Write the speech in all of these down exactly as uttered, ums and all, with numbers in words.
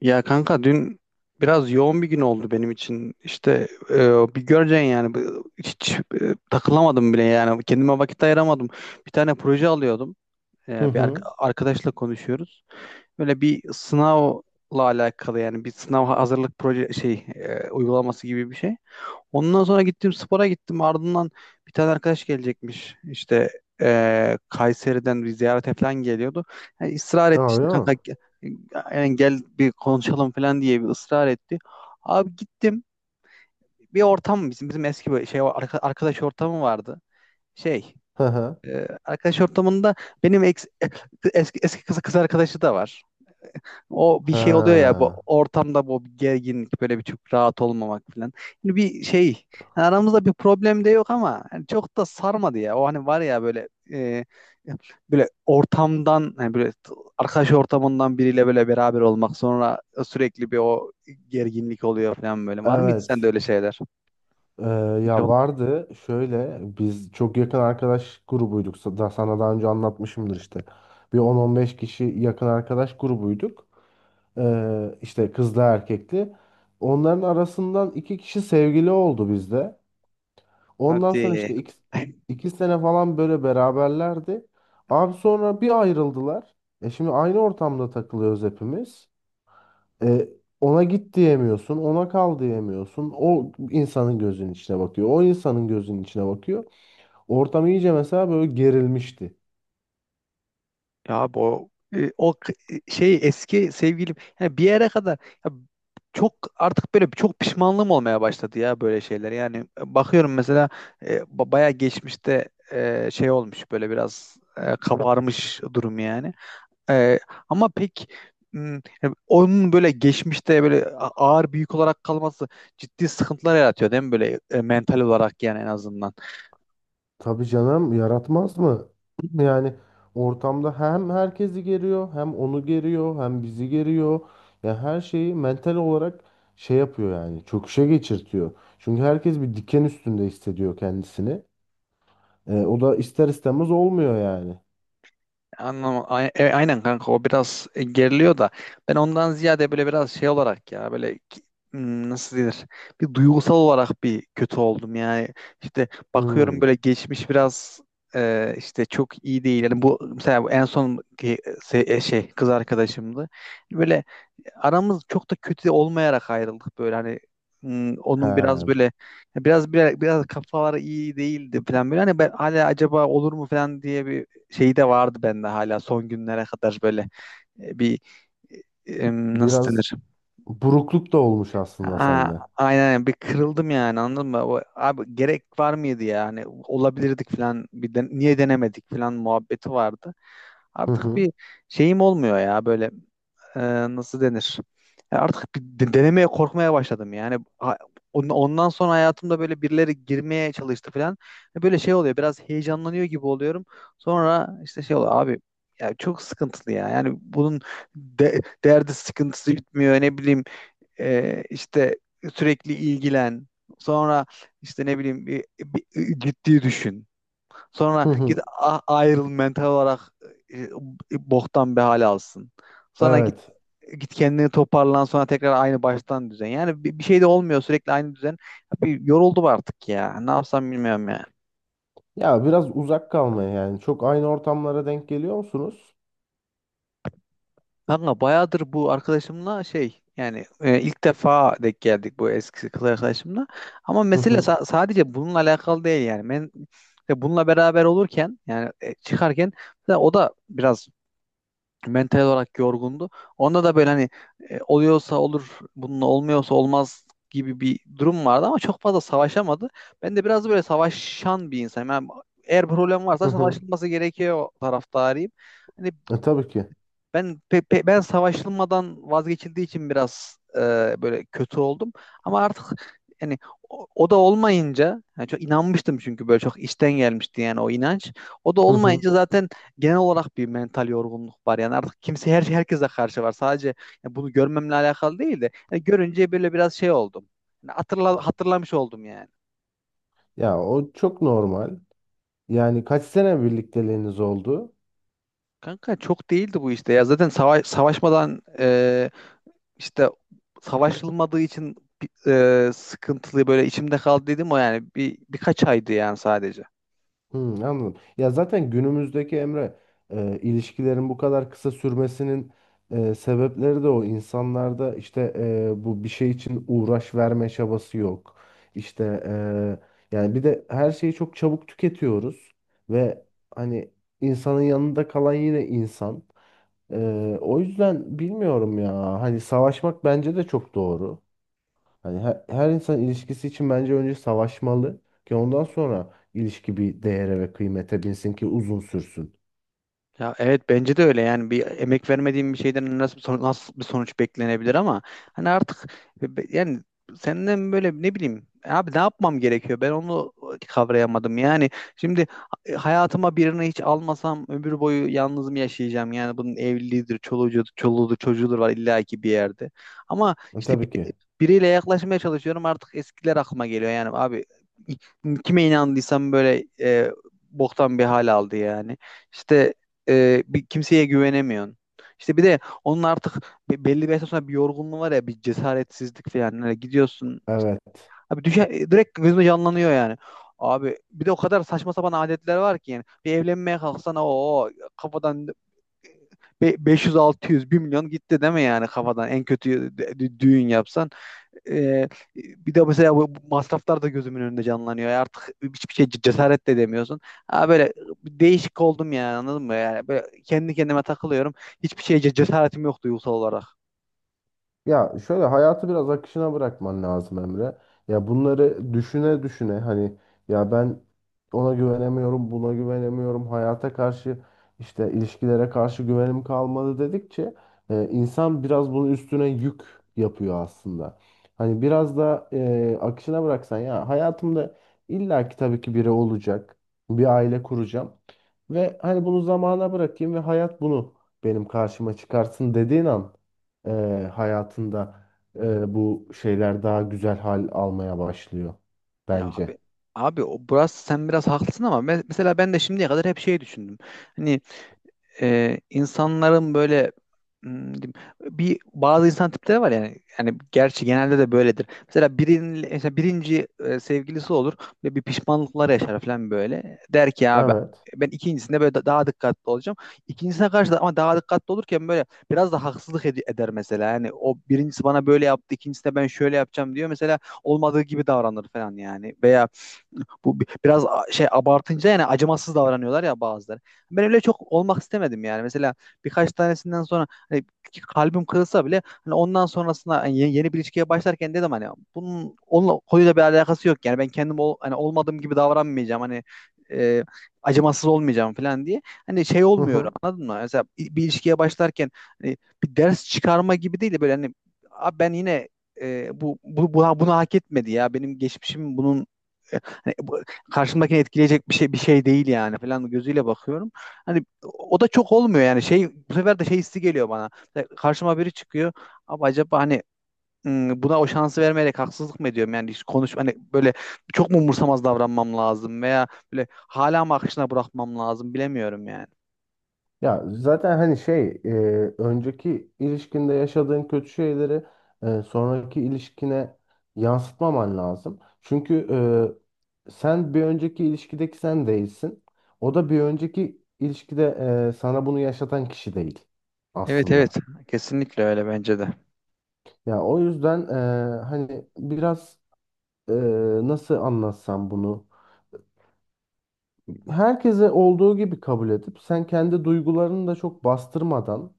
Ya kanka dün biraz yoğun bir gün oldu benim için. İşte e, bir göreceksin yani. Bu- hiç e, takılamadım bile yani kendime vakit ayıramadım. Bir tane proje alıyordum. E, Hı bir arka- hı. arkadaşla konuşuyoruz. Böyle bir sınavla alakalı, yani bir sınav hazırlık proje şey e, uygulaması gibi bir şey. Ondan sonra gittim, spora gittim. Ardından bir tane arkadaş gelecekmiş. İşte eee, Kayseri'den bir ziyarete falan geliyordu. Yani ısrar etti Ha, işte öyle mi? kanka, ge- yani gel bir konuşalım falan diye bir ısrar etti. Abi gittim, bir ortam, bizim bizim eski böyle şey arka- arkadaş ortamı vardı. Şey, Hı hı. eee, arkadaş ortamında benim eks- eski eski kız, kız arkadaşı da var. O bir şey oluyor ya bu Ha. ortamda, bu bir gerginlik, böyle bir çok rahat olmamak falan. Hani bir şey, yani aramızda bir problem de yok, ama hani çok da sarmadı ya. O hani var ya böyle, e, böyle ortamdan, hani böyle t- arkadaş ortamından biriyle böyle beraber olmak, sonra sürekli bir o gerginlik oluyor falan böyle. Var mı hiç sende Evet. öyle şeyler? Ee, Hiç ya ol- vardı şöyle biz çok yakın arkadaş grubuyduk. Sa- Daha sana daha önce anlatmışımdır işte. Bir on on beş kişi yakın arkadaş grubuyduk. Ee, işte kızlı erkekli. Onların arasından iki kişi sevgili oldu bizde. Ondan sonra hadi. işte iki, iki sene falan böyle beraberlerdi. Abi sonra bir ayrıldılar. E şimdi aynı ortamda takılıyoruz hepimiz. E, Ona git diyemiyorsun, ona kal diyemiyorsun. O insanın gözünün içine bakıyor. O insanın gözünün içine bakıyor. Ortam iyice mesela böyle gerilmişti. Ya bu, e, o, k- e, şey, eski sevgilim yani bir yere kadar ya, çok artık böyle çok pişmanlığım olmaya başladı ya böyle şeyler. Yani e, bakıyorum mesela, e, ba- bayağı geçmişte e, şey olmuş, böyle biraz e, kabarmış durum yani. E, ama pek, m, yani onun böyle geçmişte böyle a- ağır büyük olarak kalması ciddi sıkıntılar yaratıyor değil mi, böyle e, mental olarak, yani en azından. Tabii canım yaratmaz mı? Yani ortamda hem herkesi geriyor, hem onu geriyor, hem bizi geriyor. Ya her şeyi mental olarak şey yapıyor yani çöküşe geçirtiyor. Çünkü herkes bir diken üstünde hissediyor kendisini. E, o da ister istemez olmuyor yani. Anlam a- e, aynen kanka, o biraz e, geriliyor da, ben ondan ziyade böyle biraz şey olarak ya, böyle ki- hmm, nasıl denir, bir duygusal olarak bir kötü oldum yani. İşte bakıyorum Hmm. böyle geçmiş biraz e, işte çok iyi değil yani. Bu mesela, bu en son ki- se- e, şey kız arkadaşımdı. Böyle aramız çok da kötü olmayarak ayrıldık, böyle hani, hmm, onun biraz He, böyle, biraz biraz, biraz kafaları iyi değildi falan böyle. Hani ben hala acaba olur mu falan diye bir şeyi de vardı bende, hala son günlere kadar böyle e, bir nasıl biraz denir? burukluk da olmuş aslında Aa, sende. aynen, bir kırıldım yani, anladın mı? O, abi gerek var mıydı yani? Olabilirdik falan. Bir de niye denemedik falan muhabbeti vardı. Hı Artık hı. bir şeyim olmuyor ya böyle, e, nasıl denir? Ya artık bir de- denemeye korkmaya başladım. Yani ha- on- ondan sonra hayatımda böyle birileri girmeye çalıştı falan. E, Böyle şey oluyor. Biraz heyecanlanıyor gibi oluyorum. Sonra işte şey oluyor abi, ya çok sıkıntılı ya. Yani bunun de- derdi sıkıntısı bitmiyor. Ne bileyim, e, işte sürekli ilgilen. Sonra işte ne bileyim, bir, bir- ciddi düşün. Sonra Hı git hı. a- ayrıl, mental olarak e, e, boktan bir hale alsın. Sonra git Evet. git kendini toparlan, sonra tekrar aynı baştan düzen. Yani bir, bir şey de olmuyor, sürekli aynı düzen. Bir yoruldum artık ya. Ne yapsam bilmiyorum yani. Ya biraz uzak kalmaya yani. Çok aynı ortamlara denk geliyor musunuz? Kanka bayağıdır bu arkadaşımla şey, yani e, ilk defa denk geldik bu eski kız arkadaşımla. Ama Hı mesele hı. sa- sadece bununla alakalı değil yani. Ben işte bununla beraber olurken, yani e, çıkarken, mesela o da biraz mental olarak yorgundu. Onda da böyle hani, e, oluyorsa olur, bunun olmuyorsa olmaz gibi bir durum vardı ama çok fazla savaşamadı. Ben de biraz da böyle savaşan bir insanım. Yani eğer problem Hı varsa hı. savaşılması gerekiyor taraftarıyım. Hani E, tabii ki. ben pe- pe- ben savaşılmadan vazgeçildiği için biraz e, böyle kötü oldum. Ama artık yani o, o da olmayınca, yani çok inanmıştım, çünkü böyle çok içten gelmişti yani o inanç. O da Hı hı. olmayınca zaten genel olarak bir mental yorgunluk var. Yani artık kimse, her herkese karşı var. Sadece yani bunu görmemle alakalı değil de, yani görünce böyle biraz şey oldum. Yani hatırla, hatırlamış oldum yani. Ya o çok normal. Yani kaç sene birlikteliğiniz oldu? Kanka çok değildi bu işte ya. Zaten sava- savaşmadan, e, işte savaşılmadığı için e, sıkıntılı böyle içimde kaldı dedim o, yani bir birkaç aydı yani sadece. Hmm, anladım. Ya zaten günümüzdeki Emre e, ilişkilerin bu kadar kısa sürmesinin e, sebepleri de o. İnsanlarda işte e, bu bir şey için uğraş verme çabası yok. İşte e, yani bir de her şeyi çok çabuk tüketiyoruz ve hani insanın yanında kalan yine insan. E, O yüzden bilmiyorum ya. Hani savaşmak bence de çok doğru. Hani her, her insan ilişkisi için bence önce savaşmalı ki ondan sonra ilişki bir değere ve kıymete binsin ki uzun sürsün. Ya evet, bence de öyle yani. Bir emek vermediğim bir şeyden nasıl bir sonuç, nasıl bir sonuç beklenebilir, ama hani artık be- be- yani senden böyle ne bileyim abi, ne yapmam gerekiyor, ben onu kavrayamadım yani. Şimdi ha- hayatıma birini hiç almasam ömür boyu yalnız mı yaşayacağım? Yani bunun evliliğidir, çoluğudur çoluğudur çocuğudur var, illa ki bir yerde. Ama E, işte Tabii ki. biriyle yaklaşmaya çalışıyorum, artık eskiler aklıma geliyor yani. Abi kime inandıysam böyle e, boktan bir hal aldı yani. İşte e, bir kimseye güvenemiyorsun. İşte bir de onun artık, be- belli bir yaştan sonra bir yorgunluğu var ya, bir cesaretsizlik falan. Hani gidiyorsun Evet. abi, düşe, direkt gözüme canlanıyor yani. Abi bir de o kadar saçma sapan adetler var ki, yani bir evlenmeye kalksana, o kafadan e, be- beş yüz altı yüz bir milyon gitti değil mi yani, kafadan en kötü dü- dü- düğün yapsan. ee, Bir de mesela bu masraflar da gözümün önünde canlanıyor. Ya artık hiçbir şey cesaret de edemiyorsun. Ha böyle bir değişik oldum yani, anladın mı? Yani böyle kendi kendime takılıyorum. Hiçbir şeye ce- cesaretim yok, duygusal olarak. Ya şöyle hayatı biraz akışına bırakman lazım Emre. Ya bunları düşüne düşüne hani ya ben ona güvenemiyorum, buna güvenemiyorum, hayata karşı işte ilişkilere karşı güvenim kalmadı dedikçe e, insan biraz bunun üstüne yük yapıyor aslında. Hani biraz da e, akışına bıraksan ya hayatımda illaki tabii ki biri olacak, bir aile kuracağım ve hani bunu zamana bırakayım ve hayat bunu benim karşıma çıkarsın dediğin an e, hayatında e, bu şeyler daha güzel hal almaya başlıyor Ya bence. abi, abi o burası sen biraz haklısın, ama me- mesela ben de şimdiye kadar hep şey düşündüm. Hani e, insanların böyle, hmm, diyeyim, bir bazı insan tipleri var yani yani gerçi genelde de böyledir. Mesela birinin, mesela birinci e, sevgilisi olur ve bir pişmanlıklar yaşar falan böyle. Der ki abi, Evet. ben ikincisinde böyle da- daha dikkatli olacağım. İkincisine karşı da ama daha dikkatli olurken böyle biraz da haksızlık ed- eder mesela. Yani o birincisi bana böyle yaptı, ikincisine ben şöyle yapacağım diyor. Mesela olmadığı gibi davranır falan yani. Veya bu bi- biraz a- şey abartınca, yani acımasız davranıyorlar ya bazıları. Ben öyle çok olmak istemedim yani. Mesela birkaç tanesinden sonra, hani kalbim kırılsa bile, hani ondan sonrasında hani ye- yeni bir ilişkiye başlarken dedim hani bunun onunla konuyla bir alakası yok yani. Ben kendim ol, hani olmadığım gibi davranmayacağım, hani e, acımasız olmayacağım falan diye. Hani şey Hı olmuyor, hı. anladın mı? Mesela bir bir ilişkiye başlarken, hani bir ders çıkarma gibi değil de böyle, hani "Abi ben yine e, bu, bu buna, bunu hak etmedi ya, benim geçmişim bunun e, hani bu- karşımdakini etkileyecek bir şey bir şey değil yani" falan gözüyle bakıyorum. Hani o da çok olmuyor yani, şey, bu sefer de şey hissi geliyor bana. Mesela karşıma biri çıkıyor. Abi acaba hani, hmm, buna o şansı vermeyerek haksızlık mı ediyorum? Yani hiç konuş, hani böyle çok mu umursamaz davranmam lazım, veya böyle hala mı akışına bırakmam lazım, bilemiyorum yani. Ya zaten hani şey e, önceki ilişkinde yaşadığın kötü şeyleri e, sonraki ilişkine yansıtmaman lazım. Çünkü e, sen bir önceki ilişkideki sen değilsin. O da bir önceki ilişkide e, sana bunu yaşatan kişi değil Evet, evet, aslında. kesinlikle öyle bence de. Ya o yüzden e, hani biraz e, nasıl anlatsam bunu? Herkese olduğu gibi kabul edip sen kendi duygularını da çok bastırmadan.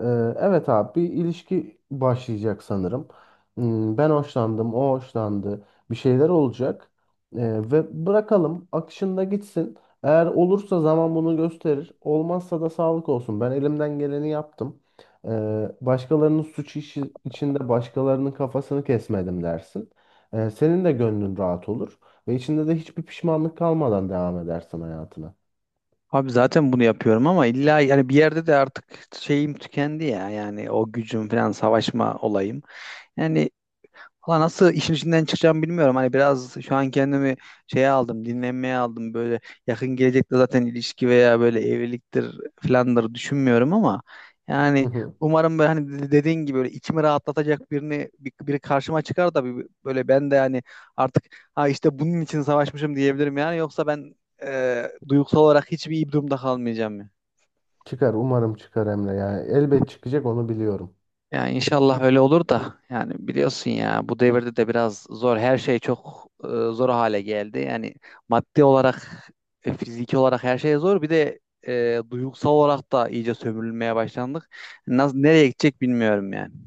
Ee, Evet abi bir ilişki başlayacak sanırım. Hmm, Ben hoşlandım, o hoşlandı. Bir şeyler olacak. Ee, ve bırakalım akışında gitsin. Eğer olursa zaman bunu gösterir. Olmazsa da sağlık olsun. Ben elimden geleni yaptım. Ee, başkalarının suç işi içinde başkalarının kafasını kesmedim dersin. Ee, senin de gönlün rahat olur. Ve içinde de hiçbir pişmanlık kalmadan devam edersin hayatına. Abi zaten bunu yapıyorum, ama illa yani bir yerde de artık şeyim tükendi ya, yani o gücüm falan, savaşma olayım. Yani valla nasıl işin içinden çıkacağımı bilmiyorum. Hani biraz şu an kendimi şeye aldım, dinlenmeye aldım. Böyle yakın gelecekte zaten ilişki veya böyle evliliktir filanları düşünmüyorum, ama Hı yani hı. umarım böyle hani de- dediğin gibi böyle içimi rahatlatacak birini, bir- biri karşıma çıkar da, bir- böyle ben de yani artık ha, işte bunun için savaşmışım diyebilirim. Yani yoksa ben e, duygusal olarak hiçbir iyi bir durumda kalmayacağım. Çıkar umarım çıkar Emre. Yani elbet çıkacak onu biliyorum. Yani inşallah öyle olur da. Yani biliyorsun ya, bu devirde de biraz zor, her şey çok e, zor hale geldi. Yani maddi olarak, e, fiziki olarak her şey zor. Bir de e, duygusal olarak da iyice sömürülmeye başlandık. Nasıl nereye gidecek bilmiyorum yani.